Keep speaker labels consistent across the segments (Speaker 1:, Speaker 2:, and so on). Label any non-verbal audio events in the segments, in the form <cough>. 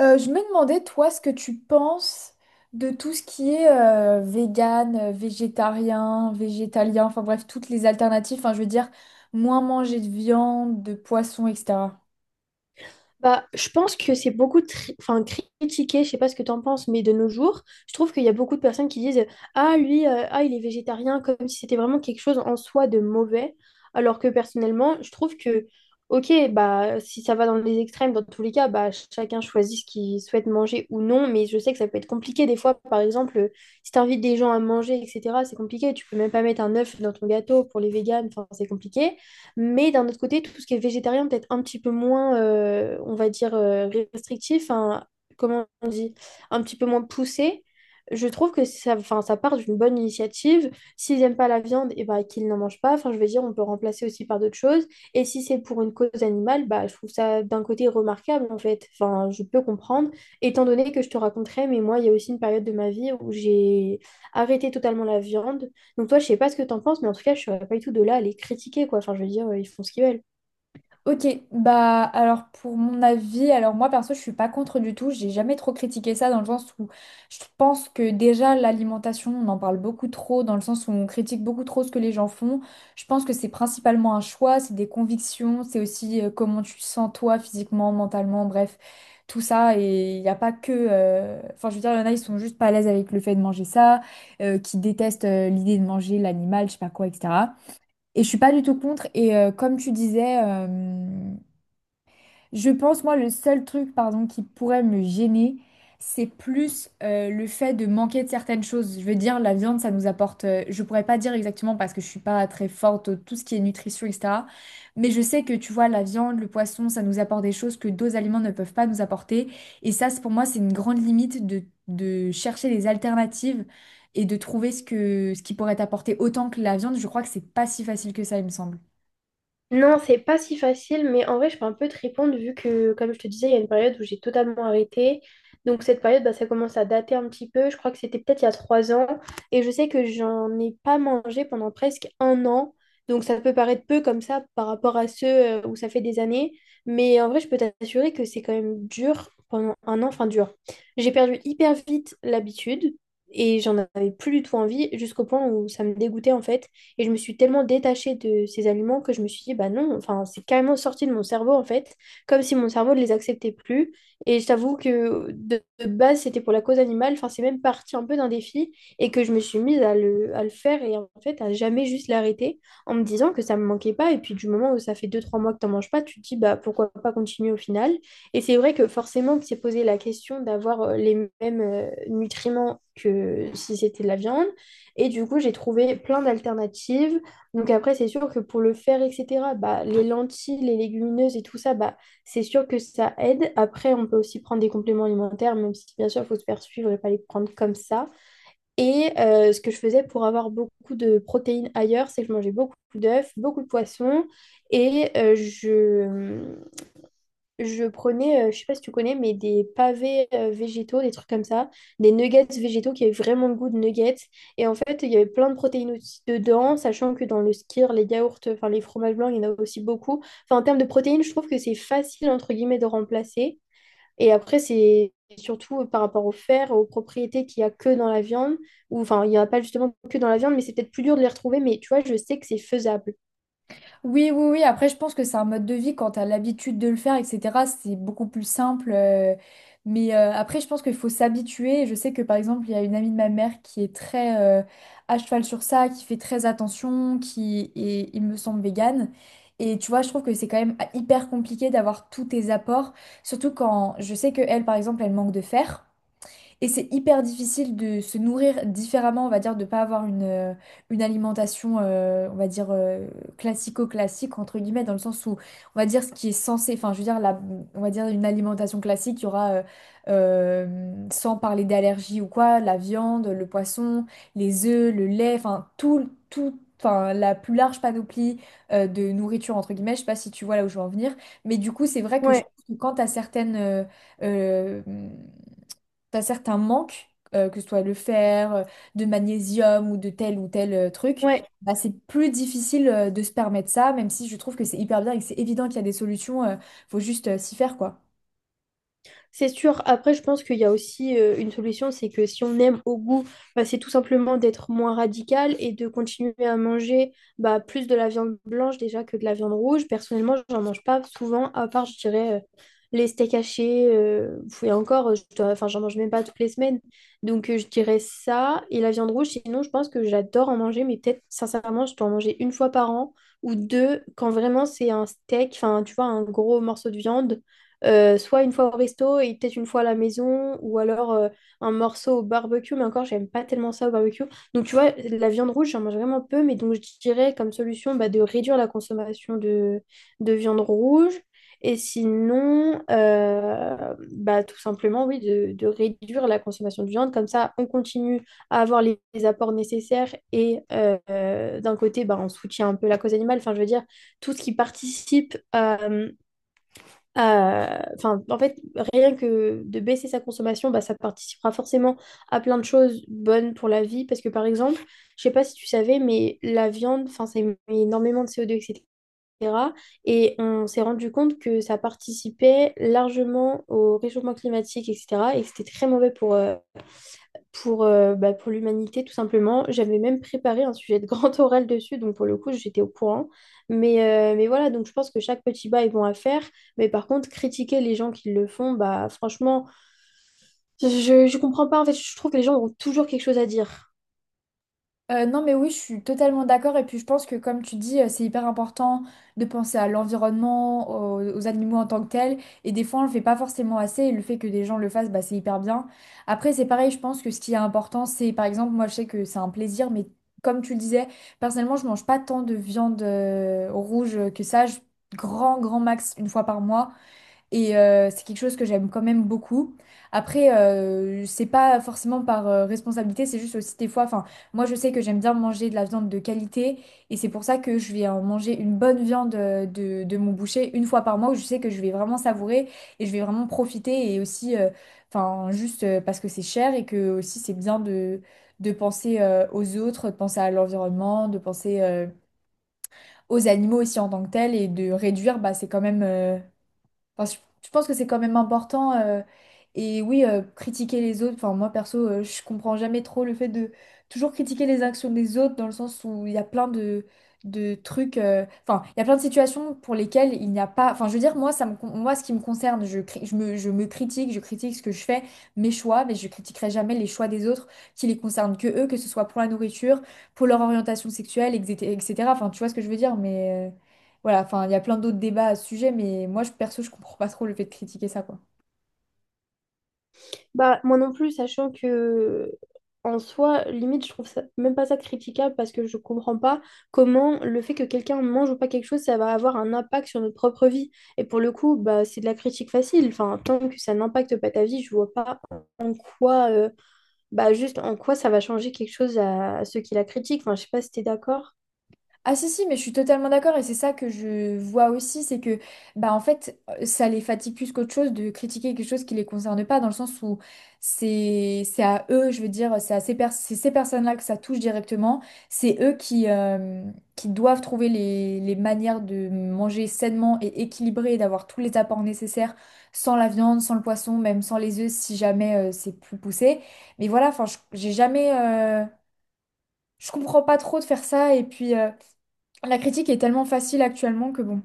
Speaker 1: Je me demandais, toi, ce que tu penses de tout ce qui est vegan, végétarien, végétalien, enfin bref, toutes les alternatives, enfin je veux dire, moins manger de viande, de poisson, etc.
Speaker 2: Bah, je pense que c'est beaucoup enfin, critiqué. Je sais pas ce que tu en penses, mais de nos jours, je trouve qu'il y a beaucoup de personnes qui disent: "Ah, lui, ah, il est végétarien", comme si c'était vraiment quelque chose en soi de mauvais. Alors que personnellement, je trouve que, ok, bah, si ça va dans les extrêmes, dans tous les cas, bah, chacun choisit ce qu'il souhaite manger ou non, mais je sais que ça peut être compliqué des fois. Par exemple, si tu invites des gens à manger, etc., c'est compliqué. Tu peux même pas mettre un œuf dans ton gâteau pour les véganes, enfin, c'est compliqué. Mais d'un autre côté, tout ce qui est végétarien, peut-être un petit peu moins, on va dire, restrictif, hein, comment on dit, un petit peu moins poussé. Je trouve que ça, enfin, ça part d'une bonne initiative. S'ils n'aiment pas la viande, et ben qu'ils n'en mangent pas. Enfin, je veux dire, on peut remplacer aussi par d'autres choses. Et si c'est pour une cause animale, bah, je trouve ça d'un côté remarquable, en fait. Enfin, je peux comprendre, étant donné que je te raconterai, mais moi, il y a aussi une période de ma vie où j'ai arrêté totalement la viande. Donc toi, je sais pas ce que t'en penses, mais en tout cas, je serais pas du tout de là à les critiquer, quoi. Enfin, je veux dire, ils font ce qu'ils veulent.
Speaker 1: Ok, bah alors pour mon avis, alors moi perso je suis pas contre du tout. J'ai jamais trop critiqué ça dans le sens où je pense que déjà l'alimentation on en parle beaucoup trop, dans le sens où on critique beaucoup trop ce que les gens font. Je pense que c'est principalement un choix, c'est des convictions, c'est aussi comment tu te sens toi physiquement, mentalement, bref, tout ça. Et il n'y a pas que... Enfin je veux dire, il y en a ils sont juste pas à l'aise avec le fait de manger ça, qui détestent l'idée de manger l'animal, je sais pas quoi, etc. Et je suis pas du tout contre. Et comme tu disais, je pense, moi, le seul truc, pardon, qui pourrait me gêner, c'est plus le fait de manquer de certaines choses. Je veux dire, la viande, ça nous apporte. Je pourrais pas dire exactement parce que je suis pas très forte, tout ce qui est nutrition, etc. Mais je sais que, tu vois, la viande, le poisson, ça nous apporte des choses que d'autres aliments ne peuvent pas nous apporter. Et ça, pour moi, c'est une grande limite de chercher des alternatives et de trouver ce que, ce qui pourrait t'apporter autant que la viande. Je crois que c'est pas si facile que ça, il me semble.
Speaker 2: Non, c'est pas si facile, mais en vrai, je peux un peu te répondre vu que, comme je te disais, il y a une période où j'ai totalement arrêté. Donc, cette période, bah, ça commence à dater un petit peu. Je crois que c'était peut-être il y a 3 ans. Et je sais que j'en ai pas mangé pendant presque 1 an. Donc, ça peut paraître peu comme ça par rapport à ceux où ça fait des années. Mais en vrai, je peux t'assurer que c'est quand même dur pendant 1 an. Enfin, dur. J'ai perdu hyper vite l'habitude et j'en avais plus du tout envie jusqu'au point où ça me dégoûtait en fait. Et je me suis tellement détachée de ces aliments que je me suis dit, bah non, enfin, c'est carrément sorti de mon cerveau en fait, comme si mon cerveau ne les acceptait plus. Et je t'avoue que de base, c'était pour la cause animale, enfin, c'est même parti un peu d'un défi et que je me suis mise à le faire et en fait à jamais juste l'arrêter en me disant que ça me manquait pas. Et puis du moment où ça fait deux trois mois que t'en manges pas, tu te dis, bah pourquoi pas continuer au final. Et c'est vrai que forcément, que s'est posé la question d'avoir les mêmes nutriments que si c'était de la viande. Et du coup, j'ai trouvé plein d'alternatives. Donc après, c'est sûr que pour le faire, etc., bah, les lentilles, les légumineuses et tout ça, bah, c'est sûr que ça aide. Après, on peut aussi prendre des compléments alimentaires, même si bien sûr, il faut se faire suivre et pas les prendre comme ça. Et ce que je faisais pour avoir beaucoup de protéines ailleurs, c'est que je mangeais beaucoup d'œufs, beaucoup de poissons et je prenais, je sais pas si tu connais, mais des pavés végétaux, des trucs comme ça, des nuggets végétaux qui avaient vraiment le goût de nuggets. Et en fait, il y avait plein de protéines aussi dedans, sachant que dans le skyr, les yaourts, enfin les fromages blancs, il y en a aussi beaucoup. Enfin, en termes de protéines, je trouve que c'est facile, entre guillemets, de remplacer. Et après, c'est surtout par rapport au fer, aux propriétés qu'il y a que dans la viande, ou enfin, il n'y en a pas justement que dans la viande, mais c'est peut-être plus dur de les retrouver, mais tu vois, je sais que c'est faisable.
Speaker 1: Oui, oui, oui. Après, je pense que c'est un mode de vie quand tu as l'habitude de le faire, etc. C'est beaucoup plus simple. Mais après, je pense qu'il faut s'habituer. Et je sais que, par exemple, il y a une amie de ma mère qui est très à cheval sur ça, qui fait très attention, qui est, il me semble, végane. Et tu vois, je trouve que c'est quand même ah, hyper compliqué d'avoir tous tes apports. Surtout quand je sais que elle, par exemple, elle manque de fer. Et c'est hyper difficile de se nourrir différemment, on va dire, de pas avoir une alimentation, on va dire, classico-classique, entre guillemets, dans le sens où, on va dire, ce qui est censé, enfin, je veux dire, la, on va dire une alimentation classique, il y aura, sans parler d'allergie ou quoi, la viande, le poisson, les œufs, le lait, enfin, tout, tout, enfin, la plus large panoplie, de nourriture, entre guillemets, je sais pas si tu vois là où je veux en venir, mais du coup, c'est vrai que je
Speaker 2: Ouais,
Speaker 1: pense que quand à certaines... euh, t'as certains manques, que ce soit le fer, de magnésium ou de tel ou tel truc,
Speaker 2: ouais.
Speaker 1: bah, c'est plus difficile de se permettre ça, même si je trouve que c'est hyper bien et que c'est évident qu'il y a des solutions, faut juste s'y faire, quoi.
Speaker 2: C'est sûr. Après, je pense qu'il y a aussi une solution, c'est que si on aime au goût, bah, c'est tout simplement d'être moins radical et de continuer à manger bah, plus de la viande blanche déjà que de la viande rouge. Personnellement, j'en mange pas souvent, à part, je dirais, les steaks hachés. Et encore, je dois- enfin, j'en mange même pas toutes les semaines. Donc, je dirais ça. Et la viande rouge, sinon, je pense que j'adore en manger, mais peut-être, sincèrement, je dois en manger une fois par an ou deux quand vraiment c'est un steak, enfin, tu vois, un gros morceau de viande. Soit une fois au resto et peut-être une fois à la maison, ou alors un morceau au barbecue, mais encore, j'aime pas tellement ça au barbecue. Donc, tu vois, la viande rouge, j'en mange vraiment peu, mais donc je dirais comme solution bah, de réduire la consommation de viande rouge. Et sinon, bah, tout simplement, oui, de réduire la consommation de viande. Comme ça, on continue à avoir les apports nécessaires et d'un côté, bah, on soutient un peu la cause animale. Enfin, je veux dire, tout ce qui participe à euh, enfin, en fait, rien que de baisser sa consommation, bah, ça participera forcément à plein de choses bonnes pour la vie. Parce que par exemple, je sais pas si tu savais, mais la viande, enfin, ça émet énormément de CO2, etc. Et cetera. Et on s'est rendu compte que ça participait largement au réchauffement climatique, etc. Et que c'était très mauvais pour, bah, pour l'humanité, tout simplement. J'avais même préparé un sujet de grand <laughs> oral dessus, donc pour le coup, j'étais au courant. Mais, mais voilà, donc je pense que chaque petit bas est bon à faire. Mais par contre, critiquer les gens qui le font, bah franchement, je comprends pas. En fait, je trouve que les gens ont toujours quelque chose à dire.
Speaker 1: Non, mais oui, je suis totalement d'accord. Et puis, je pense que, comme tu dis, c'est hyper important de penser à l'environnement, aux animaux en tant que tels. Et des fois, on le fait pas forcément assez. Et le fait que des gens le fassent, bah, c'est hyper bien. Après, c'est pareil, je pense que ce qui est important, c'est, par exemple, moi, je sais que c'est un plaisir, mais comme tu le disais, personnellement, je mange pas tant de viande rouge que ça. Grand, grand max, une fois par mois. Et c'est quelque chose que j'aime quand même beaucoup. Après, c'est pas forcément par responsabilité, c'est juste aussi des fois. Enfin, moi, je sais que j'aime bien manger de la viande de qualité, et c'est pour ça que je vais en manger une bonne viande de mon boucher une fois par mois, où je sais que je vais vraiment savourer et je vais vraiment profiter, et aussi, enfin, juste parce que c'est cher et que aussi c'est bien de penser aux autres, de penser à l'environnement, de penser aux animaux aussi en tant que tels, et de réduire, bah, c'est quand même enfin, je pense que c'est quand même important. Et oui, critiquer les autres. Enfin, moi, perso, je comprends jamais trop le fait de toujours critiquer les actions des autres dans le sens où il y a plein de trucs. Enfin, il y a plein de situations pour lesquelles il n'y a pas. Enfin, je veux dire, moi, ce qui me concerne, je me critique, je critique ce que je fais, mes choix, mais je critiquerai jamais les choix des autres qui les concernent que eux, que ce soit pour la nourriture, pour leur orientation sexuelle, etc. etc. Enfin, tu vois ce que je veux dire, mais. Voilà, enfin, il y a plein d'autres débats à ce sujet, mais moi, perso, je comprends pas trop le fait de critiquer ça, quoi.
Speaker 2: Bah, moi non plus, sachant que en soi, limite, je trouve ça, même pas ça critiquable parce que je comprends pas comment le fait que quelqu'un mange ou pas quelque chose, ça va avoir un impact sur notre propre vie. Et pour le coup, bah, c'est de la critique facile. Enfin, tant que ça n'impacte pas ta vie, je vois pas en quoi, bah, juste en quoi ça va changer quelque chose à ceux qui la critiquent. Enfin, je sais pas si t'es d'accord.
Speaker 1: Ah, si si, mais je suis totalement d'accord. Et c'est ça que je vois aussi, c'est que bah en fait ça les fatigue plus qu'autre chose de critiquer quelque chose qui les concerne pas, dans le sens où c'est à eux. Je veux dire, c'est à c'est ces personnes-là que ça touche directement, c'est eux qui doivent trouver les manières de manger sainement et équilibré et d'avoir tous les apports nécessaires sans la viande, sans le poisson, même sans les œufs si jamais c'est plus poussé. Mais voilà, enfin, j'ai jamais je comprends pas trop de faire ça. Et puis la critique est tellement facile actuellement que bon.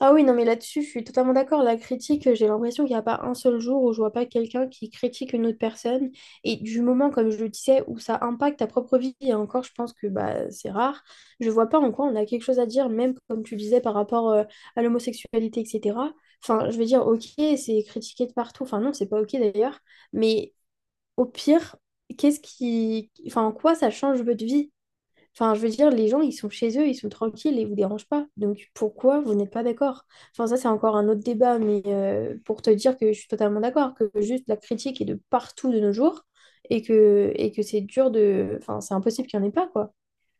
Speaker 2: Ah oui, non, mais là-dessus, je suis totalement d'accord. La critique, j'ai l'impression qu'il n'y a pas un seul jour où je vois pas quelqu'un qui critique une autre personne. Et du moment, comme je le disais, où ça impacte ta propre vie, et encore, je pense que bah, c'est rare, je vois pas en quoi on a quelque chose à dire, même comme tu disais par rapport à l'homosexualité, etc. Enfin, je veux dire, ok, c'est critiqué de partout. Enfin, non, c'est pas ok d'ailleurs. Mais au pire, qu'est-ce qui, enfin, en quoi ça change votre vie? Enfin, je veux dire, les gens, ils sont chez eux, ils sont tranquilles et ils vous dérangent pas. Donc, pourquoi vous n'êtes pas d'accord? Enfin, ça, c'est encore un autre débat, mais pour te dire que je suis totalement d'accord, que juste la critique est de partout de nos jours et que c'est dur de, enfin, c'est impossible qu'il n'y en ait pas, quoi.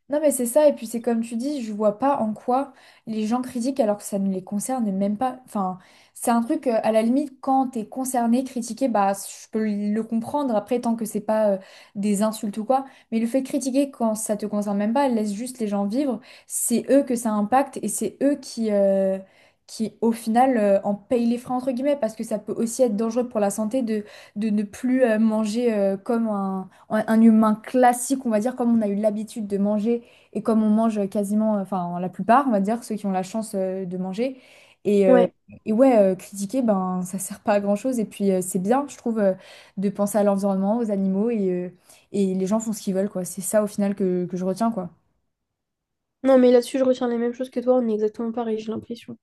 Speaker 1: Non mais c'est ça, et puis c'est comme tu dis, je vois pas en quoi les gens critiquent alors que ça ne les concerne même pas. Enfin, c'est un truc, à la limite, quand t'es concerné, critiqué, bah je peux le comprendre, après tant que c'est pas des insultes ou quoi, mais le fait de critiquer quand ça te concerne même pas, laisse juste les gens vivre, c'est eux que ça impacte, et c'est eux qui au final en payent les frais entre guillemets, parce que ça peut aussi être dangereux pour la santé de ne plus manger comme un humain classique, on va dire, comme on a eu l'habitude de manger et comme on mange quasiment, enfin la plupart, on va dire, ceux qui ont la chance de manger. Et,
Speaker 2: Ouais.
Speaker 1: ouais, critiquer, ben, ça sert pas à grand-chose. Et puis c'est bien, je trouve, de penser à l'environnement, aux animaux, et les gens font ce qu'ils veulent, quoi. C'est ça au final que je retiens, quoi.
Speaker 2: Non, mais là-dessus, je retiens les mêmes choses que toi, on est exactement pareil, j'ai l'impression.